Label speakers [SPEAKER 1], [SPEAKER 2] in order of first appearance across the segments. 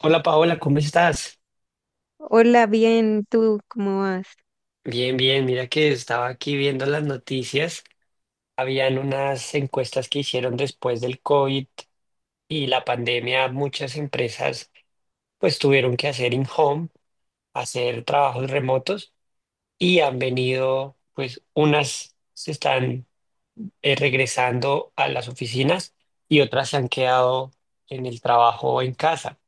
[SPEAKER 1] Hola Paola, ¿cómo estás?
[SPEAKER 2] Hola, bien, ¿tú cómo vas?
[SPEAKER 1] Bien, bien, mira que estaba aquí viendo las noticias. Habían unas encuestas que hicieron después del COVID y la pandemia. Muchas empresas pues tuvieron que hacer in-home, hacer trabajos remotos y han venido pues unas se están regresando a las oficinas y otras se han quedado en el trabajo o en casa.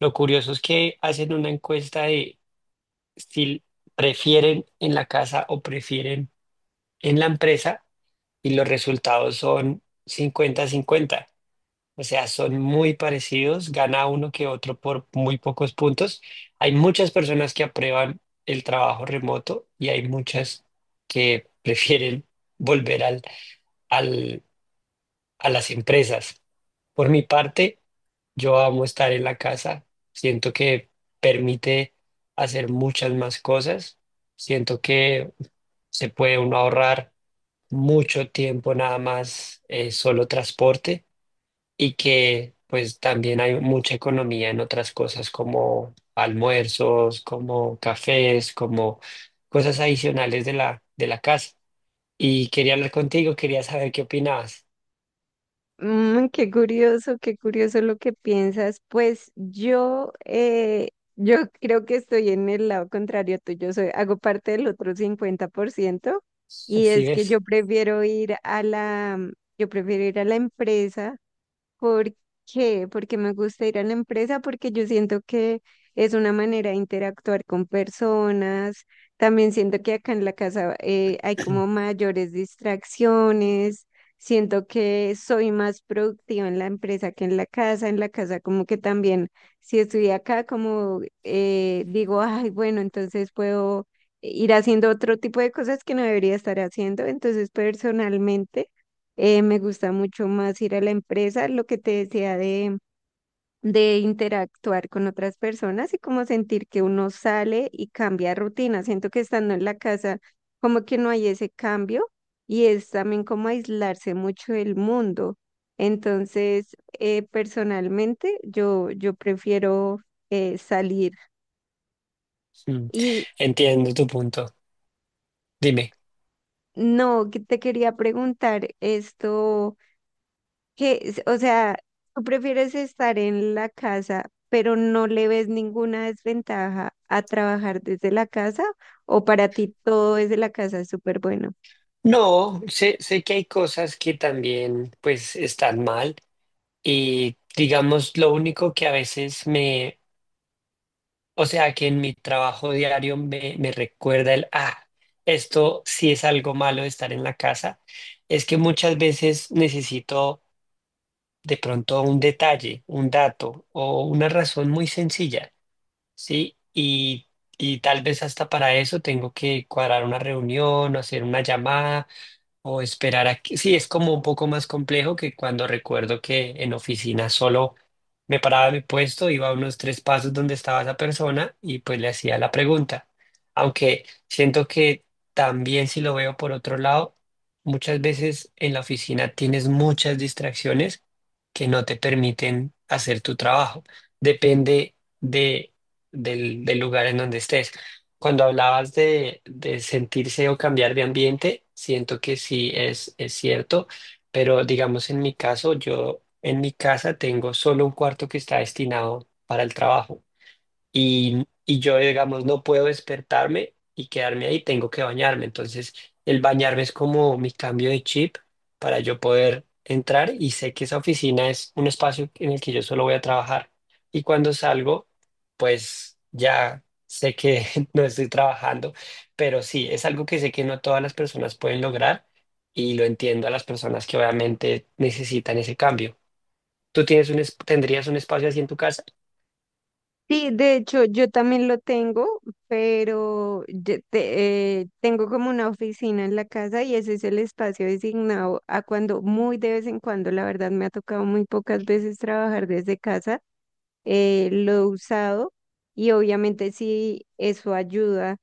[SPEAKER 1] Lo curioso es que hacen una encuesta de si prefieren en la casa o prefieren en la empresa y los resultados son 50-50. O sea, son muy parecidos, gana uno que otro por muy pocos puntos. Hay muchas personas que aprueban el trabajo remoto y hay muchas que prefieren volver al- a las empresas. Por mi parte, yo amo estar en la casa. Siento que permite hacer muchas más cosas. Siento que se puede uno ahorrar mucho tiempo nada más solo transporte y que pues también hay mucha economía en otras cosas como almuerzos, como cafés, como cosas adicionales de la casa. Y quería hablar contigo, quería saber qué opinabas.
[SPEAKER 2] Mm, qué curioso lo que piensas. Pues yo creo que estoy en el lado contrario tuyo, hago parte del otro 50% y
[SPEAKER 1] Así
[SPEAKER 2] es que
[SPEAKER 1] ves.
[SPEAKER 2] yo prefiero ir a la empresa. ¿Por qué? Porque me gusta ir a la empresa, porque yo siento que es una manera de interactuar con personas. También siento que acá en la casa hay como mayores distracciones. Siento que soy más productiva en la empresa que en la casa. En la casa como que también, si estoy acá, como digo, ay, bueno, entonces puedo ir haciendo otro tipo de cosas que no debería estar haciendo. Entonces, personalmente. Me gusta mucho más ir a la empresa, lo que te decía de interactuar con otras personas y como sentir que uno sale y cambia rutina. Siento que estando en la casa, como que no hay ese cambio y es también como aislarse mucho del mundo. Entonces, personalmente, yo prefiero salir.
[SPEAKER 1] Mm.
[SPEAKER 2] Y
[SPEAKER 1] Entiendo tu punto. Dime.
[SPEAKER 2] no, que te quería preguntar esto, o sea, tú prefieres estar en la casa, pero no le ves ninguna desventaja a trabajar desde la casa, o para ti todo desde la casa es súper bueno.
[SPEAKER 1] No, sé que hay cosas que también pues están mal y digamos lo único que a veces me o sea que en mi trabajo diario me recuerda esto sí es algo malo de estar en la casa, es que muchas veces necesito de pronto un detalle, un dato o una razón muy sencilla, ¿sí? Y tal vez hasta para eso tengo que cuadrar una reunión o hacer una llamada. O esperar a que, sí, es como un poco más complejo que cuando recuerdo que en oficina solo me paraba de mi puesto, iba a unos tres pasos donde estaba esa persona y pues le hacía la pregunta. Aunque siento que también si lo veo por otro lado, muchas veces en la oficina tienes muchas distracciones que no te permiten hacer tu trabajo. Depende de, del lugar en donde estés. Cuando hablabas de sentirse o cambiar de ambiente, siento que sí es cierto, pero digamos en mi caso, yo en mi casa tengo solo un cuarto que está destinado para el trabajo y yo, digamos, no puedo despertarme y quedarme ahí, tengo que bañarme. Entonces, el bañarme es como mi cambio de chip para yo poder entrar y sé que esa oficina es un espacio en el que yo solo voy a trabajar. Y cuando salgo, pues ya sé que no estoy trabajando, pero sí, es algo que sé que no todas las personas pueden lograr y lo entiendo a las personas que obviamente necesitan ese cambio. ¿Tú tienes tendrías un espacio así en tu casa?
[SPEAKER 2] Sí, de hecho, yo también lo tengo, pero yo tengo como una oficina en la casa y ese es el espacio designado a cuando muy de vez en cuando, la verdad me ha tocado muy pocas veces trabajar desde casa. Lo he usado y obviamente sí, eso ayuda,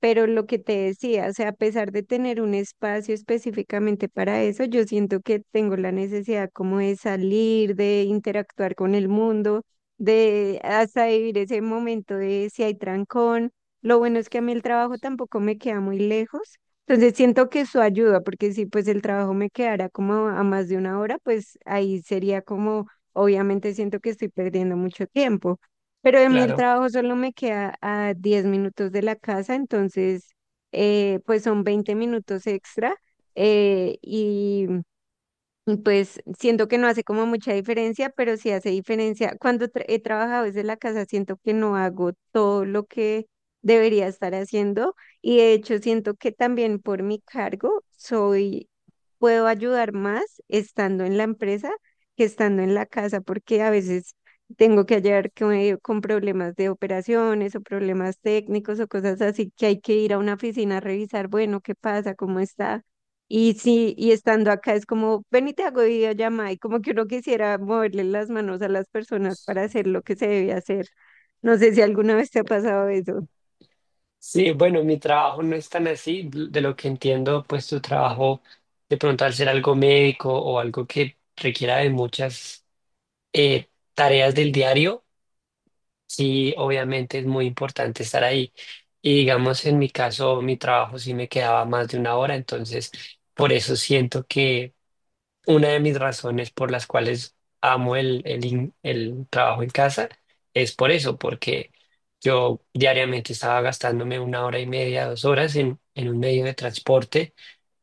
[SPEAKER 2] pero lo que te decía, o sea, a pesar de tener un espacio específicamente para eso, yo siento que tengo la necesidad como de salir, de interactuar con el mundo, de hasta vivir ese momento de si hay trancón. Lo bueno es que a mí el trabajo tampoco me queda muy lejos. Entonces siento que eso ayuda, porque si pues el trabajo me quedara como a más de una hora, pues ahí sería como. Obviamente siento que estoy perdiendo mucho tiempo, pero a mí el
[SPEAKER 1] Claro.
[SPEAKER 2] trabajo solo me queda a 10 minutos de la casa, entonces pues son 20 minutos extra, y pues siento que no hace como mucha diferencia, pero sí hace diferencia. Cuando he trabajado desde la casa, siento que no hago todo lo que debería estar haciendo, y de hecho siento que también por mi cargo puedo ayudar más estando en la empresa que estando en la casa, porque a veces tengo que ayudar con problemas de operaciones o problemas técnicos o cosas así que hay que ir a una oficina a revisar, bueno, ¿qué pasa? ¿Cómo está? Y sí, y estando acá es como, ven y te hago videollamada, y como que uno quisiera moverle las manos a las personas para hacer lo que se debe hacer. No sé si alguna vez te ha pasado eso.
[SPEAKER 1] Sí, bueno, mi trabajo no es tan así. De lo que entiendo, pues tu trabajo, de pronto al ser algo médico o algo que requiera de muchas eh, tareas del diario, sí, obviamente es muy importante estar ahí. Y digamos, en mi caso, mi trabajo sí me quedaba más de una hora, entonces por eso siento que una de mis razones por las cuales amo el trabajo en casa es por eso, porque yo diariamente estaba gastándome una hora y media, 2 horas en un medio de transporte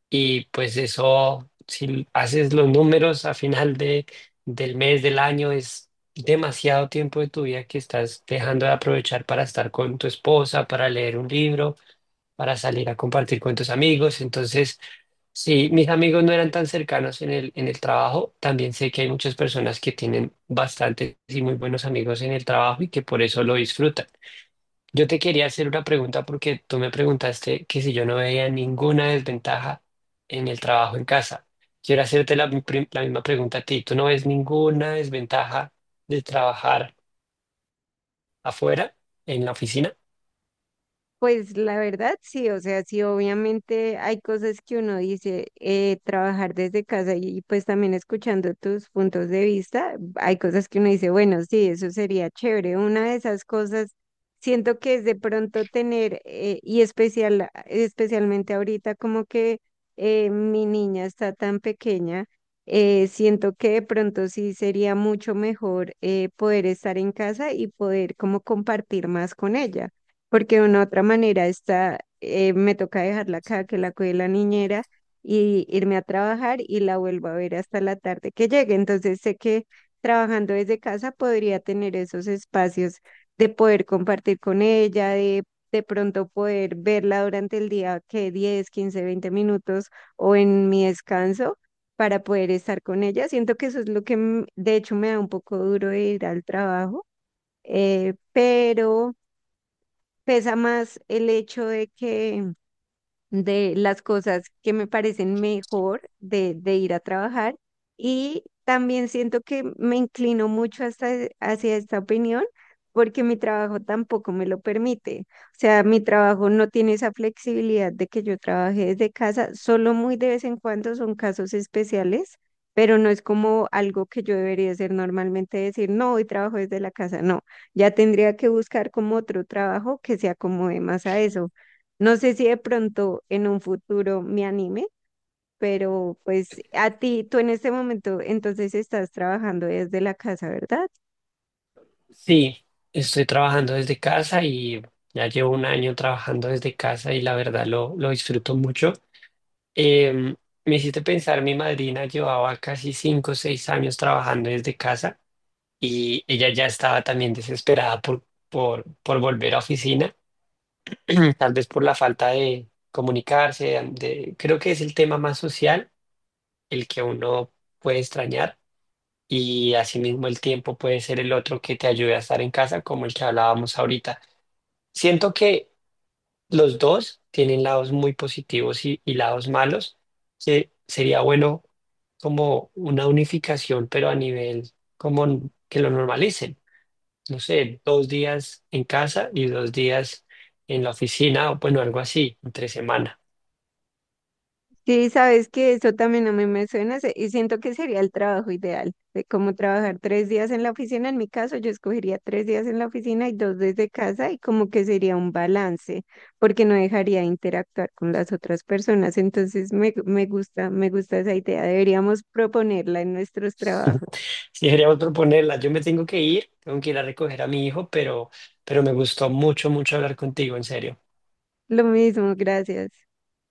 [SPEAKER 1] y pues eso, si haces los números a final del mes, del año, es demasiado tiempo de tu vida que estás dejando de aprovechar para estar con tu esposa, para leer un libro, para salir a compartir con tus amigos. Entonces... Sí, mis amigos no eran tan cercanos en el trabajo. También sé que hay muchas personas que tienen bastantes y muy buenos amigos en el trabajo y que por eso lo disfrutan. Yo te quería hacer una pregunta porque tú me preguntaste que si yo no veía ninguna desventaja en el trabajo en casa. Quiero hacerte la misma pregunta a ti. ¿Tú no ves ninguna desventaja de trabajar afuera, en la oficina?
[SPEAKER 2] Pues la verdad sí, o sea, sí, obviamente hay cosas que uno dice, trabajar desde casa, y pues también escuchando tus puntos de vista, hay cosas que uno dice, bueno, sí, eso sería chévere. Una de esas cosas siento que es de pronto tener, especialmente ahorita, como que mi niña está tan pequeña. Siento que de pronto sí sería mucho mejor poder estar en casa y poder como compartir más con ella, porque de una otra manera está, me toca dejarla acá, que la cuide la niñera, y irme a trabajar y la vuelvo a ver hasta la tarde que llegue. Entonces sé que trabajando desde casa podría tener esos espacios de poder compartir con ella, de pronto poder verla durante el día, que 10, 15, 20 minutos o en mi descanso, para poder estar con ella. Siento que eso es lo que de hecho me da un poco duro de ir al trabajo, pero pesa más el hecho de las cosas que me parecen mejor de ir a trabajar. Y también siento que me inclino mucho hacia esta opinión porque mi trabajo tampoco me lo permite. O sea, mi trabajo no tiene esa flexibilidad de que yo trabaje desde casa, solo muy de vez en cuando son casos especiales, pero no es como algo que yo debería hacer normalmente, decir, no, hoy trabajo desde la casa, no, ya tendría que buscar como otro trabajo que se acomode más a eso. No sé si de pronto en un futuro me anime, pero pues a ti, tú en este momento entonces estás trabajando desde la casa, ¿verdad?
[SPEAKER 1] Sí, estoy trabajando desde casa y ya llevo un año trabajando desde casa y la verdad lo disfruto mucho. Em, Me hiciste pensar, mi madrina llevaba casi 5 o 6 años trabajando desde casa y ella ya estaba también desesperada por volver a oficina, tal vez por la falta de comunicarse, de, creo que es el tema más social, el que uno puede extrañar y asimismo el tiempo puede ser el otro que te ayude a estar en casa, como el que hablábamos ahorita. Siento que los dos tienen lados muy positivos y lados malos, que sería bueno como una unificación, pero a nivel como que lo normalicen. No sé, 2 días en casa y 2 días en la oficina, o bueno, algo así, entre semana.
[SPEAKER 2] Sí, sabes que eso también a mí me suena y siento que sería el trabajo ideal, de cómo trabajar 3 días en la oficina. En mi caso, yo escogería 3 días en la oficina y 2 desde casa, y como que sería un balance, porque no dejaría de interactuar con las otras personas. Entonces me gusta esa idea. Deberíamos proponerla en nuestros trabajos.
[SPEAKER 1] Si queríamos proponerla, yo me tengo que ir a recoger a mi hijo, pero me gustó mucho, mucho hablar contigo, en serio.
[SPEAKER 2] Lo mismo, gracias.